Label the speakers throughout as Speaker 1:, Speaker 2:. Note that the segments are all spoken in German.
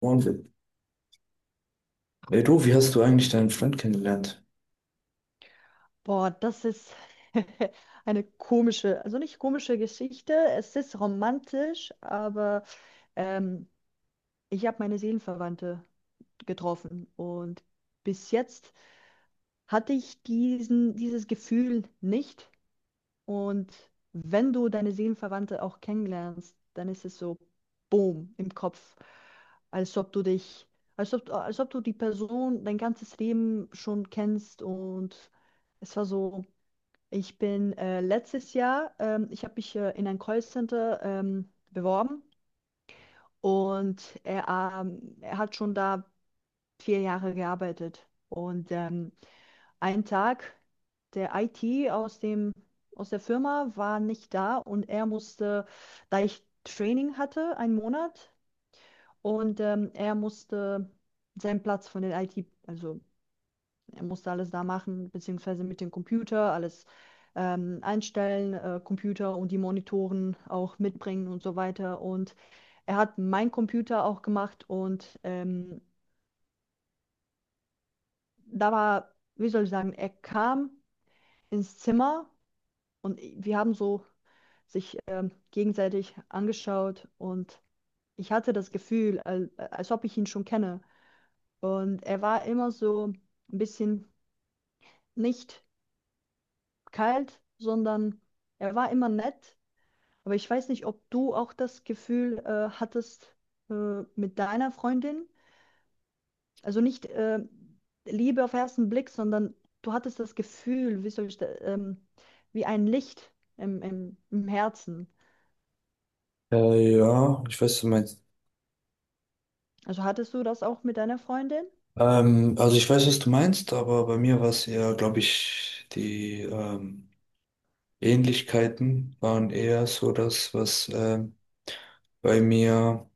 Speaker 1: Und, ey du, wie hast du eigentlich deinen Freund kennengelernt?
Speaker 2: Boah, das ist eine komische, also nicht komische Geschichte. Es ist romantisch, aber ähm, ich habe meine Seelenverwandte getroffen und bis jetzt hatte dieses Gefühl nicht. Und wenn du deine Seelenverwandte auch kennenlernst, dann ist es so, boom, im Kopf, als ob du dich, als ob du die Person dein ganzes Leben schon kennst und es war so. Ich bin letztes Jahr, ich habe mich in ein Callcenter beworben und er hat schon da 4 Jahre gearbeitet. Und ein Tag, der IT aus der Firma war nicht da und er musste, da ich Training hatte, 1 Monat, und er musste seinen Platz von den IT, also er musste alles da machen, beziehungsweise mit dem Computer alles einstellen, Computer und die Monitoren auch mitbringen und so weiter. Und er hat meinen Computer auch gemacht und da war, wie soll ich sagen, er kam ins Zimmer und wir haben so sich gegenseitig angeschaut und ich hatte das Gefühl, als ob ich ihn schon kenne. Und er war immer so ein bisschen nicht kalt, sondern er war immer nett. Aber ich weiß nicht, ob du auch das Gefühl hattest mit deiner Freundin, also nicht Liebe auf ersten Blick, sondern du hattest das Gefühl, wie soll ich da, wie ein Licht im Herzen.
Speaker 1: Ja, ich weiß, was du meinst.
Speaker 2: Also hattest du das auch mit deiner Freundin?
Speaker 1: Also ich weiß, was du meinst, aber bei mir war es eher, glaube ich, die Ähnlichkeiten waren eher so das, was bei mir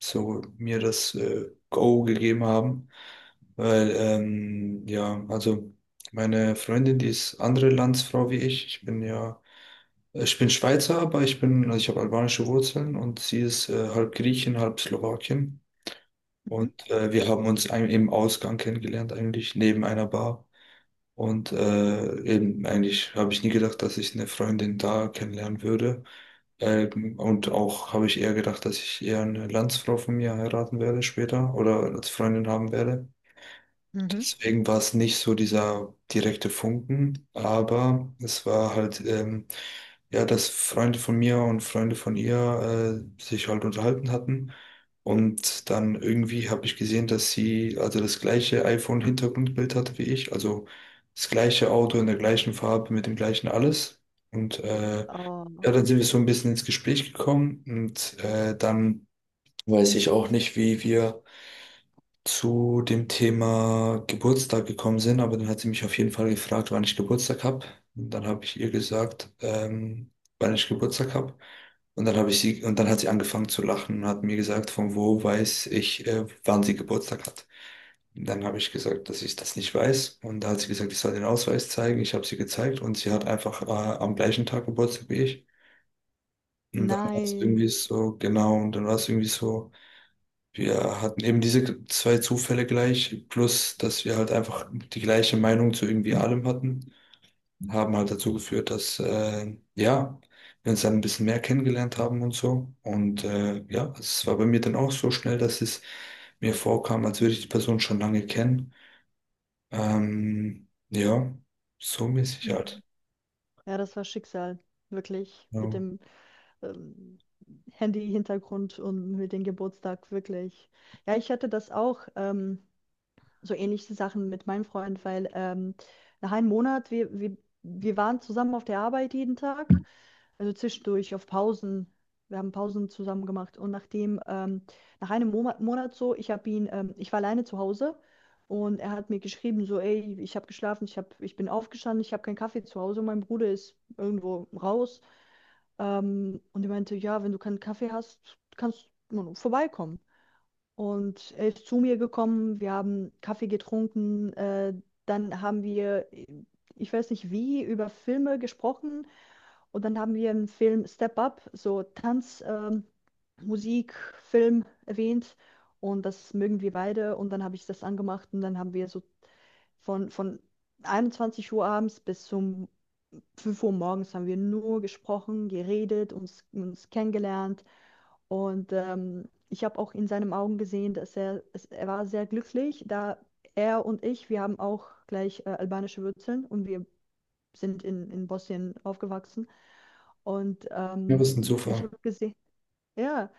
Speaker 1: so mir das Go gegeben haben. Weil, ja, also meine Freundin, die ist andere Landsfrau wie ich. Ich bin Schweizer, aber ich bin, also ich habe albanische Wurzeln und sie ist halb Griechin, halb Slowakin.
Speaker 2: Mhm.
Speaker 1: Und wir haben uns im Ausgang kennengelernt, eigentlich neben einer Bar. Und eben eigentlich habe ich nie gedacht, dass ich eine Freundin da kennenlernen würde. Und auch habe ich eher gedacht, dass ich eher eine Landsfrau von mir heiraten werde später oder als Freundin haben werde.
Speaker 2: Mhm.
Speaker 1: Deswegen war es nicht so dieser direkte Funken, aber es war halt, ja, dass Freunde von mir und Freunde von ihr sich halt unterhalten hatten. Und dann irgendwie habe ich gesehen, dass sie also das gleiche iPhone-Hintergrundbild hatte wie ich, also das gleiche Auto in der gleichen Farbe mit dem gleichen alles. Und ja,
Speaker 2: Oh,
Speaker 1: dann sind wir so ein bisschen ins Gespräch gekommen und dann weiß ich auch nicht, wie wir zu dem Thema Geburtstag gekommen sind, aber dann hat sie mich auf jeden Fall gefragt, wann ich Geburtstag habe. Und dann habe ich ihr gesagt, wann ich Geburtstag habe. Und dann hat sie angefangen zu lachen und hat mir gesagt, von wo weiß ich, wann sie Geburtstag hat. Dann habe ich gesagt, dass ich das nicht weiß. Und da hat sie gesagt, ich soll den Ausweis zeigen. Ich habe sie gezeigt und sie hat einfach am gleichen Tag Geburtstag wie ich. Und
Speaker 2: nein.
Speaker 1: dann war es irgendwie so, wir hatten eben diese zwei Zufälle gleich, plus dass wir halt einfach die gleiche Meinung zu irgendwie allem hatten, haben halt dazu geführt, dass ja, wir uns dann ein bisschen mehr kennengelernt haben und so. Und ja, es war bei mir dann auch so schnell, dass es mir vorkam, als würde ich die Person schon lange kennen. Ja, so mäßig
Speaker 2: Mhm.
Speaker 1: halt.
Speaker 2: Ja, das war Schicksal, wirklich,
Speaker 1: Ja,
Speaker 2: mit dem ähm, Handy-Hintergrund und mit dem Geburtstag, wirklich. Ja, ich hatte das auch. So ähnliche Sachen mit meinem Freund, weil nach 1 Monat, wir waren zusammen auf der Arbeit jeden Tag, also zwischendurch auf Pausen. Wir haben Pausen zusammen gemacht und nach einem Mo Monat so, ich war alleine zu Hause und er hat mir geschrieben, so, ey, ich habe geschlafen, ich bin aufgestanden, ich habe keinen Kaffee zu Hause, mein Bruder ist irgendwo raus. Und er meinte, ja, wenn du keinen Kaffee hast, kannst du vorbeikommen. Und er ist zu mir gekommen, wir haben Kaffee getrunken, dann haben wir, ich weiß nicht wie, über Filme gesprochen und dann haben wir im Film Step Up so Tanz, Musik, Film erwähnt und das mögen wir beide und dann habe ich das angemacht und dann haben wir so von 21 Uhr abends bis zum 5 Uhr morgens haben wir nur gesprochen, geredet, uns kennengelernt und ich habe auch in seinen Augen gesehen, dass er war sehr glücklich, da er und ich, wir haben auch gleich albanische Wurzeln und wir sind in Bosnien aufgewachsen. Und
Speaker 1: ja, was ein
Speaker 2: ich
Speaker 1: Zufall.
Speaker 2: habe gesehen, ja,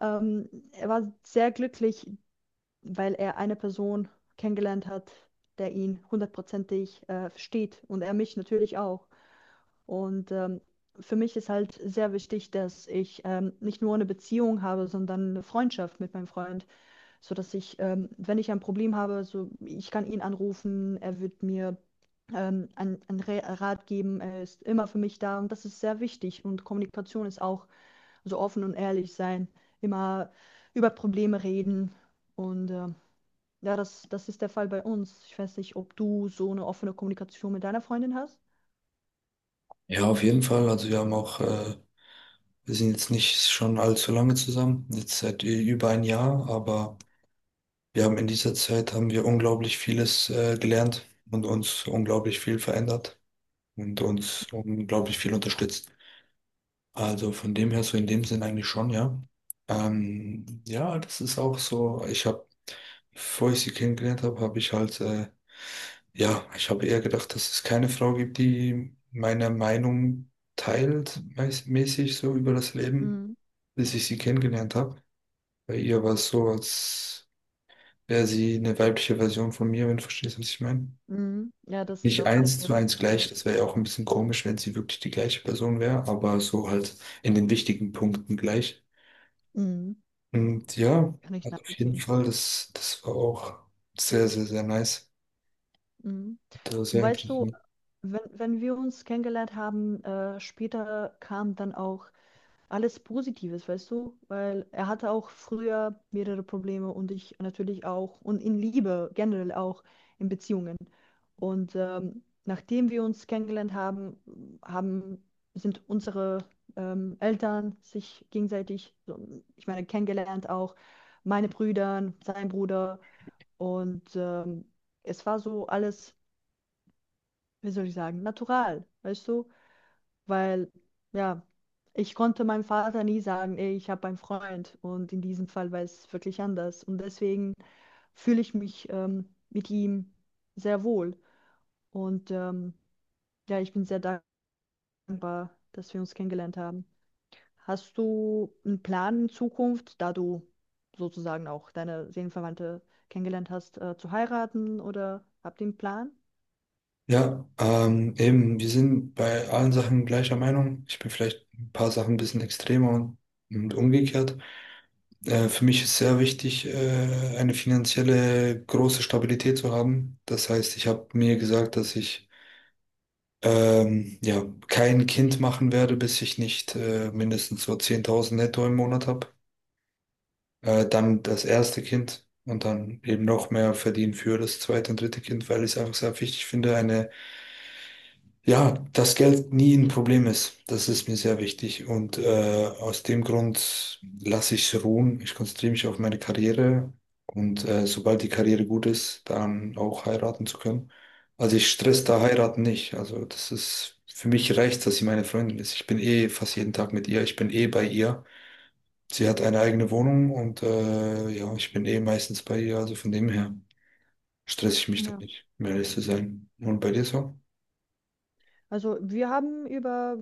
Speaker 2: er war sehr glücklich, weil er eine Person kennengelernt hat, der ihn hundertprozentig versteht und er mich natürlich auch. Und für mich ist halt sehr wichtig, dass ich nicht nur eine Beziehung habe, sondern eine Freundschaft mit meinem Freund, so dass ich, wenn ich ein Problem habe, so ich kann ihn anrufen, er wird mir einen Rat geben, er ist immer für mich da und das ist sehr wichtig. Und Kommunikation ist auch so offen und ehrlich sein, immer über Probleme reden und ja, das ist der Fall bei uns. Ich weiß nicht, ob du so eine offene Kommunikation mit deiner Freundin hast.
Speaker 1: Ja, auf jeden Fall. Also wir haben auch, wir sind jetzt nicht schon allzu lange zusammen, jetzt über ein Jahr, aber Wir haben in dieser Zeit haben wir unglaublich vieles gelernt und uns unglaublich viel verändert und uns unglaublich viel unterstützt. Also von dem her, so in dem Sinn eigentlich schon, ja. Ja, das ist auch so. Ich habe, bevor ich sie kennengelernt habe, habe ich halt, ja, ich habe eher gedacht, dass es keine Frau gibt, die meine Meinung teilt, mäßig so über das Leben, bis ich sie kennengelernt habe. Bei ihr war es so, als wäre sie eine weibliche Version von mir, wenn du verstehst, was ich meine.
Speaker 2: Mhm. Ja, das ist
Speaker 1: Nicht
Speaker 2: auch der
Speaker 1: eins zu
Speaker 2: Fall.
Speaker 1: eins
Speaker 2: Ja.
Speaker 1: gleich, das wäre ja auch ein bisschen komisch, wenn sie wirklich die gleiche Person wäre, aber so halt in den wichtigen Punkten gleich.
Speaker 2: Mhm.
Speaker 1: Und ja,
Speaker 2: Kann ich
Speaker 1: also auf jeden
Speaker 2: nachvollziehen.
Speaker 1: Fall, das war auch sehr, sehr, sehr nice.
Speaker 2: Mhm.
Speaker 1: Das war
Speaker 2: Und
Speaker 1: sehr
Speaker 2: weißt du,
Speaker 1: interessant.
Speaker 2: wenn wir uns kennengelernt haben, später kam dann auch alles Positives, weißt du? Weil er hatte auch früher mehrere Probleme und ich natürlich auch und in Liebe generell auch in Beziehungen. Und nachdem wir uns kennengelernt haben, haben sind unsere Eltern sich gegenseitig, so, ich meine, kennengelernt auch, meine Brüder, sein Bruder und es war so alles, wie soll ich sagen, natural, weißt du? Weil ja, ich konnte meinem Vater nie sagen, ey, ich habe einen Freund und in diesem Fall war es wirklich anders und deswegen fühle ich mich mit ihm sehr wohl und ja, ich bin sehr dankbar, dass wir uns kennengelernt haben. Hast du einen Plan in Zukunft, da du sozusagen auch deine Seelenverwandte kennengelernt hast, zu heiraten oder habt ihr einen Plan?
Speaker 1: Ja, eben, wir sind bei allen Sachen gleicher Meinung. Ich bin vielleicht ein paar Sachen ein bisschen extremer und umgekehrt. Für mich ist sehr wichtig, eine finanzielle große Stabilität zu haben. Das heißt, ich habe mir gesagt, dass ich ja, kein Kind machen werde, bis ich nicht mindestens so 10.000 netto im Monat habe. Dann das erste Kind und dann eben noch mehr verdienen für das zweite und dritte Kind, weil ich es einfach sehr wichtig finde, eine ja, dass Geld nie ein Problem ist, das ist mir sehr wichtig und aus dem Grund lasse ich es ruhen. Ich konzentriere mich auf meine Karriere und sobald die Karriere gut ist, dann auch heiraten zu können. Also ich stress da heiraten nicht. Also das ist für mich reicht, dass sie meine Freundin ist. Ich bin eh fast jeden Tag mit ihr. Ich bin eh bei ihr. Sie hat eine eigene Wohnung und ich bin eh meistens bei ihr. Also von dem her stress ich mich da
Speaker 2: Ja.
Speaker 1: nicht, um ehrlich zu sein. Und bei dir so?
Speaker 2: Also wir haben über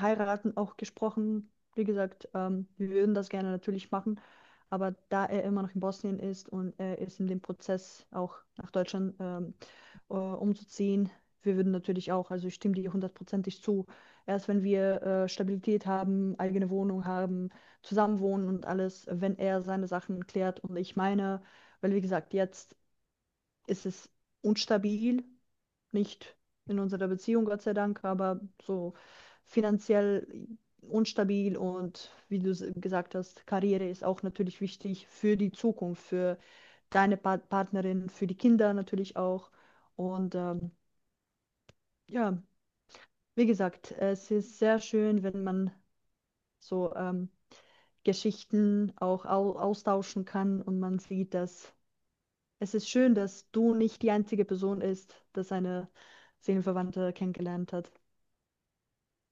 Speaker 2: Heiraten auch gesprochen. Wie gesagt, wir würden das gerne natürlich machen, aber da er immer noch in Bosnien ist und er ist in dem Prozess auch nach Deutschland umzuziehen, wir würden natürlich auch, also ich stimme dir hundertprozentig zu, erst wenn wir Stabilität haben, eigene Wohnung haben, zusammenwohnen und alles, wenn er seine Sachen klärt und ich meine, weil wie gesagt, jetzt ist es unstabil nicht in unserer Beziehung, Gott sei Dank, aber so finanziell unstabil und wie du gesagt hast, Karriere ist auch natürlich wichtig für die Zukunft, für deine Partnerin, für die Kinder natürlich auch. Und ja, wie gesagt, es ist sehr schön, wenn man so Geschichten auch au austauschen kann und man sieht, dass es ist schön, dass du nicht die einzige Person ist, dass eine Seelenverwandte kennengelernt hat.